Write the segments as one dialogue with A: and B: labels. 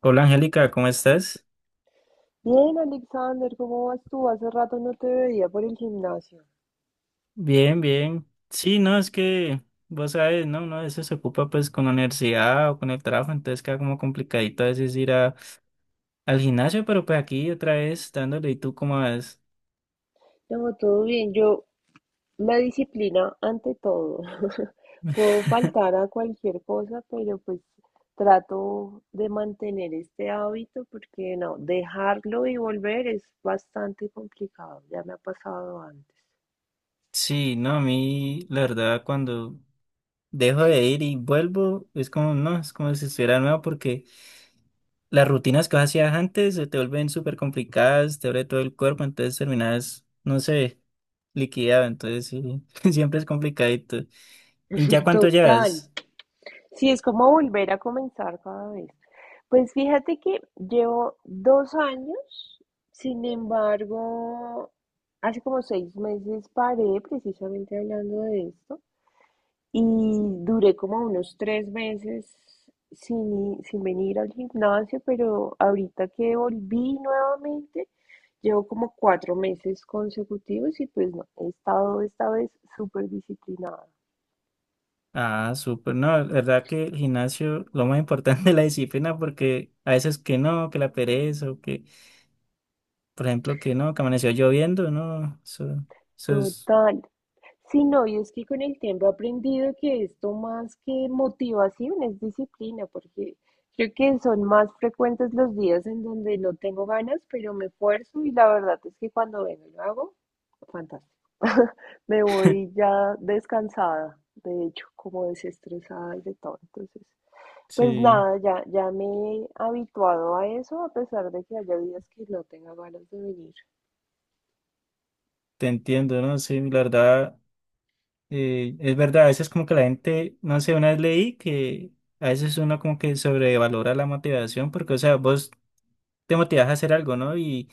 A: Hola Angélica, ¿cómo estás?
B: Bien, Alexander, ¿cómo vas tú? Hace rato no te veía por el gimnasio.
A: Bien, bien. Sí, no, es que vos sabes, no, uno a veces se ocupa pues con la universidad o con el trabajo, entonces queda como complicadito a veces ir a, al gimnasio, pero pues aquí otra vez dándole. ¿Y tú cómo vas?
B: No, todo bien. La disciplina ante todo. Puedo faltar a cualquier cosa, pero pues trato de mantener este hábito porque no, dejarlo y volver es bastante complicado. Ya me ha pasado antes.
A: Sí, no, a mí la verdad cuando dejo de ir y vuelvo es como, no, es como si estuviera nuevo porque las rutinas que vos hacías antes se te vuelven súper complicadas, te duele todo el cuerpo, entonces terminas, no sé, liquidado, entonces sí, siempre es complicadito. ¿Y ya cuánto
B: Total.
A: llevas?
B: Sí, es como volver a comenzar cada vez. Pues fíjate que llevo 2 años, sin embargo, hace como 6 meses paré precisamente hablando de esto y duré como unos 3 meses sin venir al gimnasio, pero ahorita que volví nuevamente, llevo como 4 meses consecutivos y pues no, he estado esta vez súper disciplinada.
A: Ah, súper, no, la verdad que el gimnasio, lo más importante es la disciplina, porque a veces que no, que la pereza, o que, por ejemplo, que no, que amaneció lloviendo, no, eso es,
B: Total. Sí, no, y es que con el tiempo he aprendido que esto más que motivación es disciplina, porque creo que son más frecuentes los días en donde no tengo ganas, pero me esfuerzo y la verdad es que cuando vengo y lo hago, fantástico. Me voy ya descansada, de hecho, como desestresada y de todo. Entonces, pues
A: sí,
B: nada, ya me he habituado a eso, a pesar de que haya días que no tenga ganas de venir.
A: te entiendo, ¿no? Sí, la verdad, es verdad, a veces como que la gente, no sé, una vez leí que a veces uno como que sobrevalora la motivación, porque, o sea, vos te motivas a hacer algo, ¿no?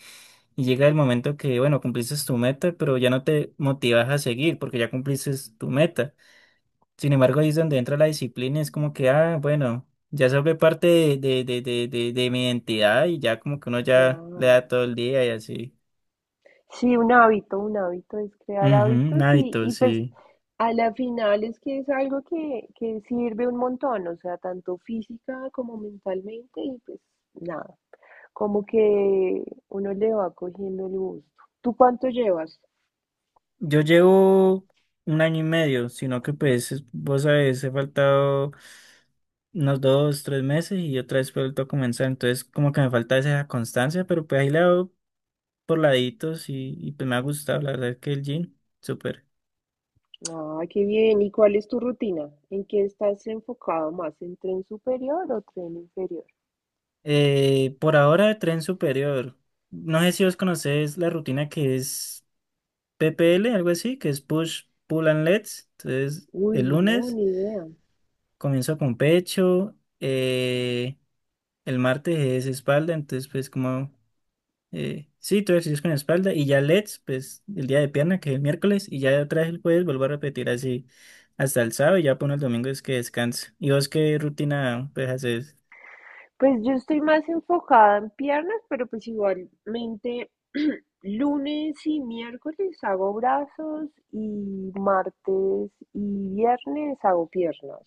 A: Y llega el momento que, bueno, cumpliste tu meta, pero ya no te motivas a seguir porque ya cumpliste tu meta. Sin embargo, ahí es donde entra la disciplina, es como que, ah, bueno, ya se vuelve parte de mi identidad y ya como que uno ya le
B: Claro.
A: da todo el día y así.
B: Sí, un hábito es crear
A: Ujú, un
B: hábitos y,
A: hábito,
B: y pues
A: sí.
B: a la final es que es algo que sirve un montón, o sea, tanto física como mentalmente y pues nada, como que uno le va cogiendo el gusto. ¿Tú cuánto llevas?
A: Yo llevo 1 año y medio, sino que pues es- vos sabes, he faltado unos 2, 3 meses y otra vez vuelto a comenzar, entonces como que me falta esa constancia, pero pues ahí le hago por laditos y pues me ha gustado, la verdad que el gym, súper.
B: Ah, qué bien. ¿Y cuál es tu rutina? ¿En qué estás enfocado más? ¿En tren superior o tren inferior?
A: Por ahora tren superior, no sé si vos conocés la rutina que es PPL, algo así, que es push, pull and legs, entonces
B: Uy,
A: el
B: no,
A: lunes
B: ni idea.
A: comienzo con pecho. eh, El martes es espalda, entonces pues como, sí, todo ejercicio es con espalda y ya LEDs, pues el día de pierna, que es el miércoles, y ya otra vez el jueves vuelvo a repetir así hasta el sábado y ya pone el domingo es que descanse. ¿Y vos qué rutina pues haces?
B: Pues yo estoy más enfocada en piernas, pero pues igualmente lunes y miércoles hago brazos y martes y viernes hago piernas.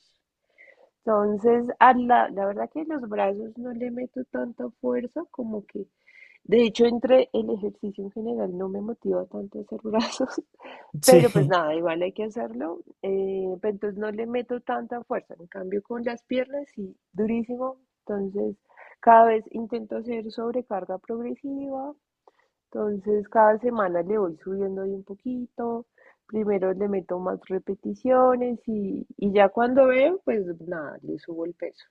B: Entonces, la verdad que los brazos no le meto tanta fuerza como que, de hecho, entre el ejercicio en general no me motiva tanto hacer brazos.
A: Sí,
B: Pero pues nada, igual hay que hacerlo. Pero entonces no le meto tanta fuerza. En cambio, con las piernas sí, durísimo. Entonces, cada vez intento hacer sobrecarga progresiva. Entonces, cada semana le voy subiendo ahí un poquito. Primero le meto más repeticiones y ya cuando veo, pues nada, le subo el peso.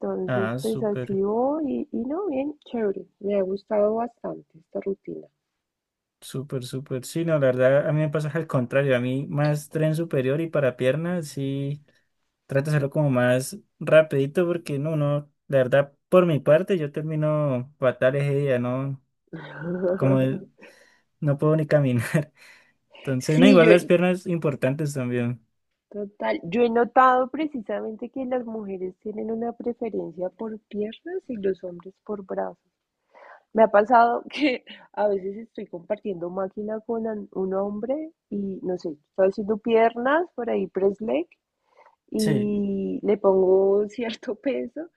B: Entonces,
A: ah,
B: pues
A: súper,
B: así voy y no, bien, chévere. Me ha gustado bastante esta rutina.
A: súper, súper. Sí, no, la verdad a mí me pasa al contrario, a mí más tren superior y para pierna, sí, trato de hacerlo como más rapidito porque no, no, la verdad por mi parte yo termino fatal ese día, ¿no? Como no puedo ni caminar. Entonces, no,
B: Sí,
A: igual
B: yo,
A: las piernas importantes también.
B: Total, yo he notado precisamente que las mujeres tienen una preferencia por piernas y los hombres por brazos. Me ha pasado que a veces estoy compartiendo máquina un hombre y no sé, estoy haciendo piernas por ahí, press leg,
A: Sí,
B: y le pongo cierto peso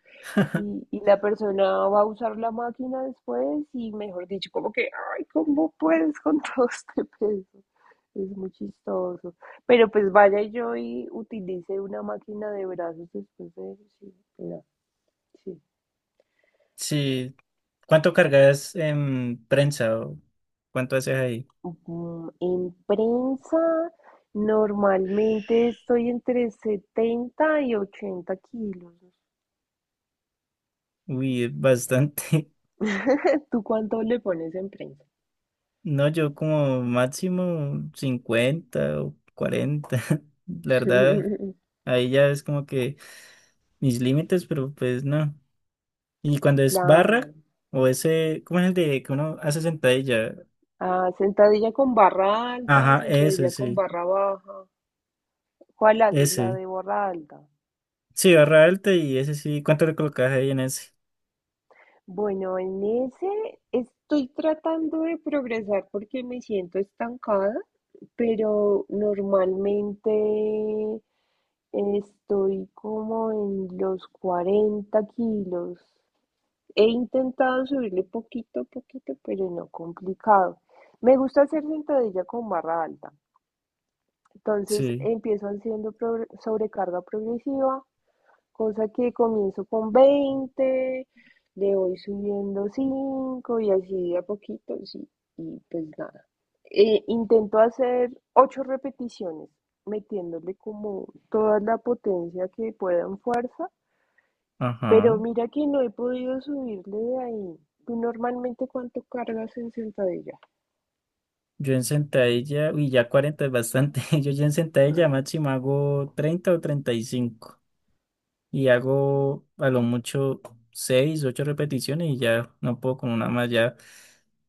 B: y la persona va a usar la máquina después y mejor dicho, como que, ay, ¿cómo puedes con todo este peso? Es muy chistoso. Pero pues vaya yo y utilice una máquina de brazos después de eso. Sí, pero sí.
A: sí. ¿Cuánto cargas en prensa o cuánto haces ahí?
B: En prensa, normalmente estoy entre 70 y 80 kilos.
A: Uy, bastante.
B: ¿Tú cuánto le pones en prensa?
A: No, yo como máximo 50 o 40. La verdad, ahí ya es como que mis límites, pero pues no. Y cuando es barra
B: Claro.
A: o ese, ¿cómo es el de que uno hace sentadilla?
B: Ah, sentadilla con barra alta,
A: Ajá,
B: sentadilla con barra baja. ¿Cuál haces? La
A: ese.
B: de barra alta.
A: Sí, barra alta y ese sí. ¿Cuánto le colocas ahí en ese?
B: Bueno, en ese estoy tratando de progresar porque me siento estancada, pero normalmente estoy como en los 40 kilos. He intentado subirle poquito a poquito, pero no, complicado. Me gusta hacer sentadilla con barra alta. Entonces
A: Sí,
B: empiezo haciendo sobrecarga progresiva cosa que comienzo con 20, le voy subiendo 5 y así de a poquito, sí, y pues nada. Intento hacer 8 repeticiones, metiéndole como toda la potencia que pueda en fuerza, pero
A: ajá.
B: mira que no he podido subirle de ahí. ¿Tú normalmente cuánto cargas en sentadilla?
A: Yo en sentadilla, uy, ya 40 es bastante. Yo ya en sentadilla máximo hago 30 o 35 y hago a lo mucho seis, 8 repeticiones y ya no puedo con una más. Ya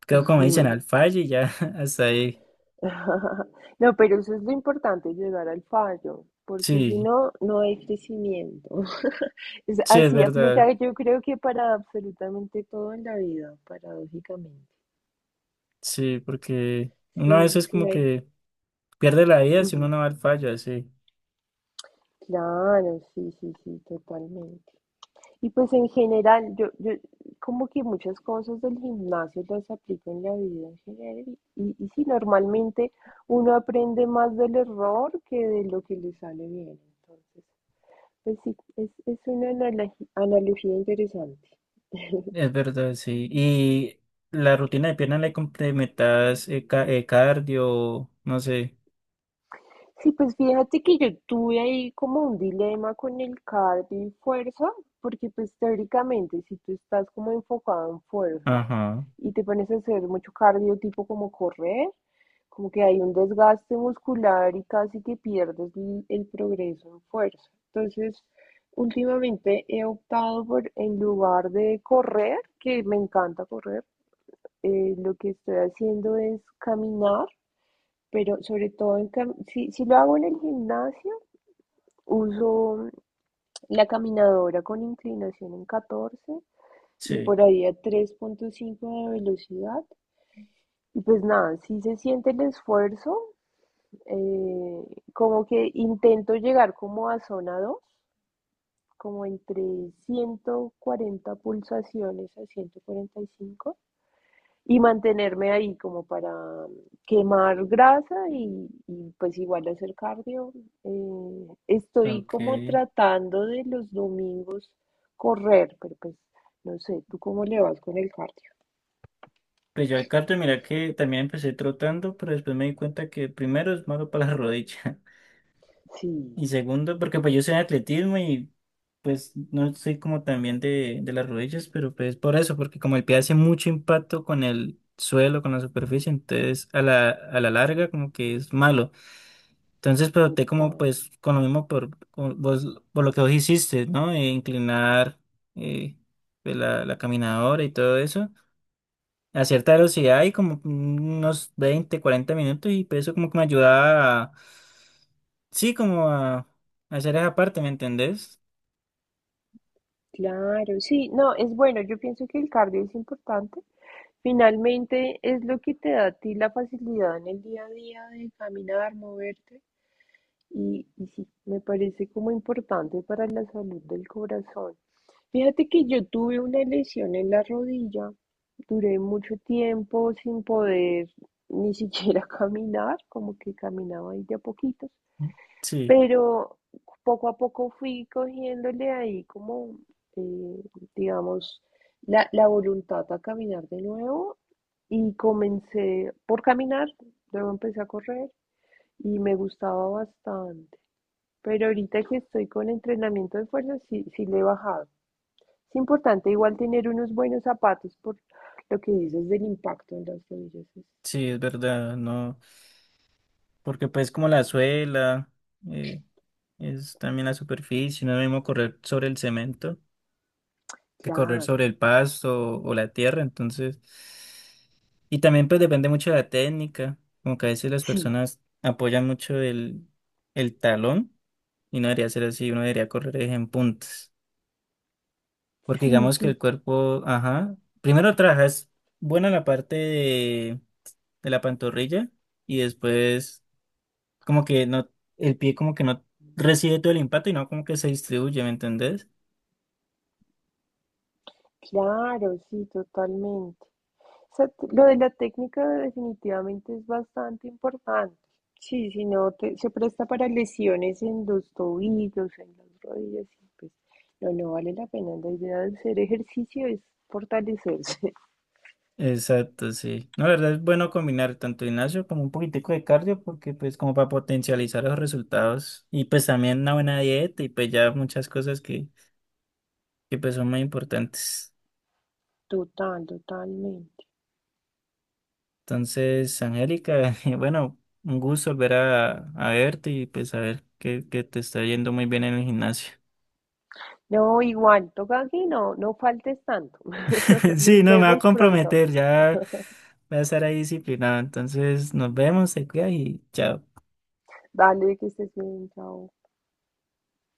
A: quedo como dicen
B: Ujú.
A: al fallo y ya hasta ahí.
B: No, pero eso es lo importante, llegar al fallo, porque si
A: Sí,
B: no, no hay crecimiento.
A: sí, es
B: Así aplica,
A: verdad.
B: yo creo que para absolutamente todo en la vida, paradójicamente.
A: Sí, porque
B: Si,
A: uno a
B: no-
A: veces
B: si
A: como
B: no hay...
A: que pierde la vida si uno
B: Ujú.
A: no va al fallo así.
B: Claro, sí, sí, sí, totalmente. Y pues en general, yo como que muchas cosas del gimnasio las aplico en la vida en general. Y sí, normalmente uno aprende más del error que de lo que le sale bien. Entonces, pues sí, es una analogía interesante.
A: Es verdad, sí. Y la rutina de pierna le complementas ca- cardio, no sé.
B: Sí, pues fíjate que yo tuve ahí como un dilema con el cardio y fuerza, porque pues teóricamente si tú estás como enfocado en fuerza
A: Ajá,
B: y te pones a hacer mucho cardio tipo como correr, como que hay un desgaste muscular y casi que pierdes el progreso en fuerza. Entonces, últimamente he optado por, en lugar de correr, que me encanta correr, lo que estoy haciendo es caminar, pero sobre todo en si lo hago en el gimnasio, uso la caminadora con inclinación en 14 y
A: sí,
B: por ahí a 3.5 de velocidad. Y pues nada, si se siente el esfuerzo. eh, Como que intento llegar como a zona dos, como entre 140 pulsaciones a 145 y mantenerme ahí como para mm, quemar grasa y pues igual hacer cardio. Estoy como
A: ok.
B: tratando de los domingos correr, pero pues no sé, ¿tú cómo le vas con el cardio?
A: Pues yo al cardio, mira que también empecé trotando, pero después me di cuenta que primero es malo para la rodilla.
B: Sí,
A: Y segundo, porque pues yo soy de atletismo y pues no soy como también de las rodillas, pero pues por eso, porque como el pie hace mucho impacto con el suelo, con la superficie, entonces a la larga como que es malo. Entonces, pero te como
B: total.
A: pues con lo mismo por, con vos- por lo que vos hiciste, ¿no? Inclinar eh, pues, la caminadora y todo eso a cierta velocidad y como unos 20, 40 minutos y pues eso como que me ayudaba a, sí, como a hacer esa parte, ¿me entendés?
B: Claro, sí, no, es bueno, yo pienso que el cardio es importante. Finalmente es lo que te da a ti la facilidad en el día a día de caminar, moverte. Y sí, me parece como importante para la salud del corazón. Fíjate que yo tuve una lesión en la rodilla, duré mucho tiempo sin poder ni siquiera caminar, como que caminaba ahí de a poquitos,
A: Sí.
B: pero poco a poco fui cogiéndole ahí como, eh, digamos, la voluntad a caminar de nuevo y comencé por caminar, luego empecé a correr y me gustaba bastante, pero ahorita que estoy con entrenamiento de fuerza, sí, sí le he bajado. Es importante igual tener unos buenos zapatos por lo que dices del impacto en las rodillas.
A: Sí, es verdad, no, porque pues como la suela, eh, es también la superficie, no es lo mismo correr sobre el cemento que correr
B: Claro,
A: sobre el pasto o, la tierra, entonces, y también pues depende mucho de la técnica, como que a veces las
B: sí,
A: personas apoyan mucho el talón y no debería ser así, uno debería correr es en puntas, porque
B: sí,
A: digamos que el
B: sí,
A: cuerpo, ajá, primero trabajas buena la parte de la pantorrilla y después como que no, el pie como que no recibe todo el impacto y no como que se distribuye, ¿me entendés?
B: claro, sí, totalmente. O sea, lo de la técnica definitivamente es bastante importante. Sí, si no te- se presta para lesiones en los tobillos, en las rodillas, y pues no, no vale la pena. La idea de hacer ejercicio es fortalecerse.
A: Exacto, sí. No, la verdad es bueno combinar tanto gimnasio como un poquitico de cardio porque pues como para potencializar los resultados y pues también una buena dieta y pues ya muchas cosas que pues son muy importantes.
B: Total, totalmente.
A: Entonces, Angélica, bueno, un gusto volver a verte y pues a ver que te está yendo muy bien en el gimnasio.
B: No, igual, toca aquí, no, no faltes tanto.
A: Sí,
B: Nos
A: no, me va a
B: vemos pronto.
A: comprometer, ya voy a estar ahí disciplinado. Entonces, nos vemos, se cuida y chao.
B: Dale, que estés bien, chao.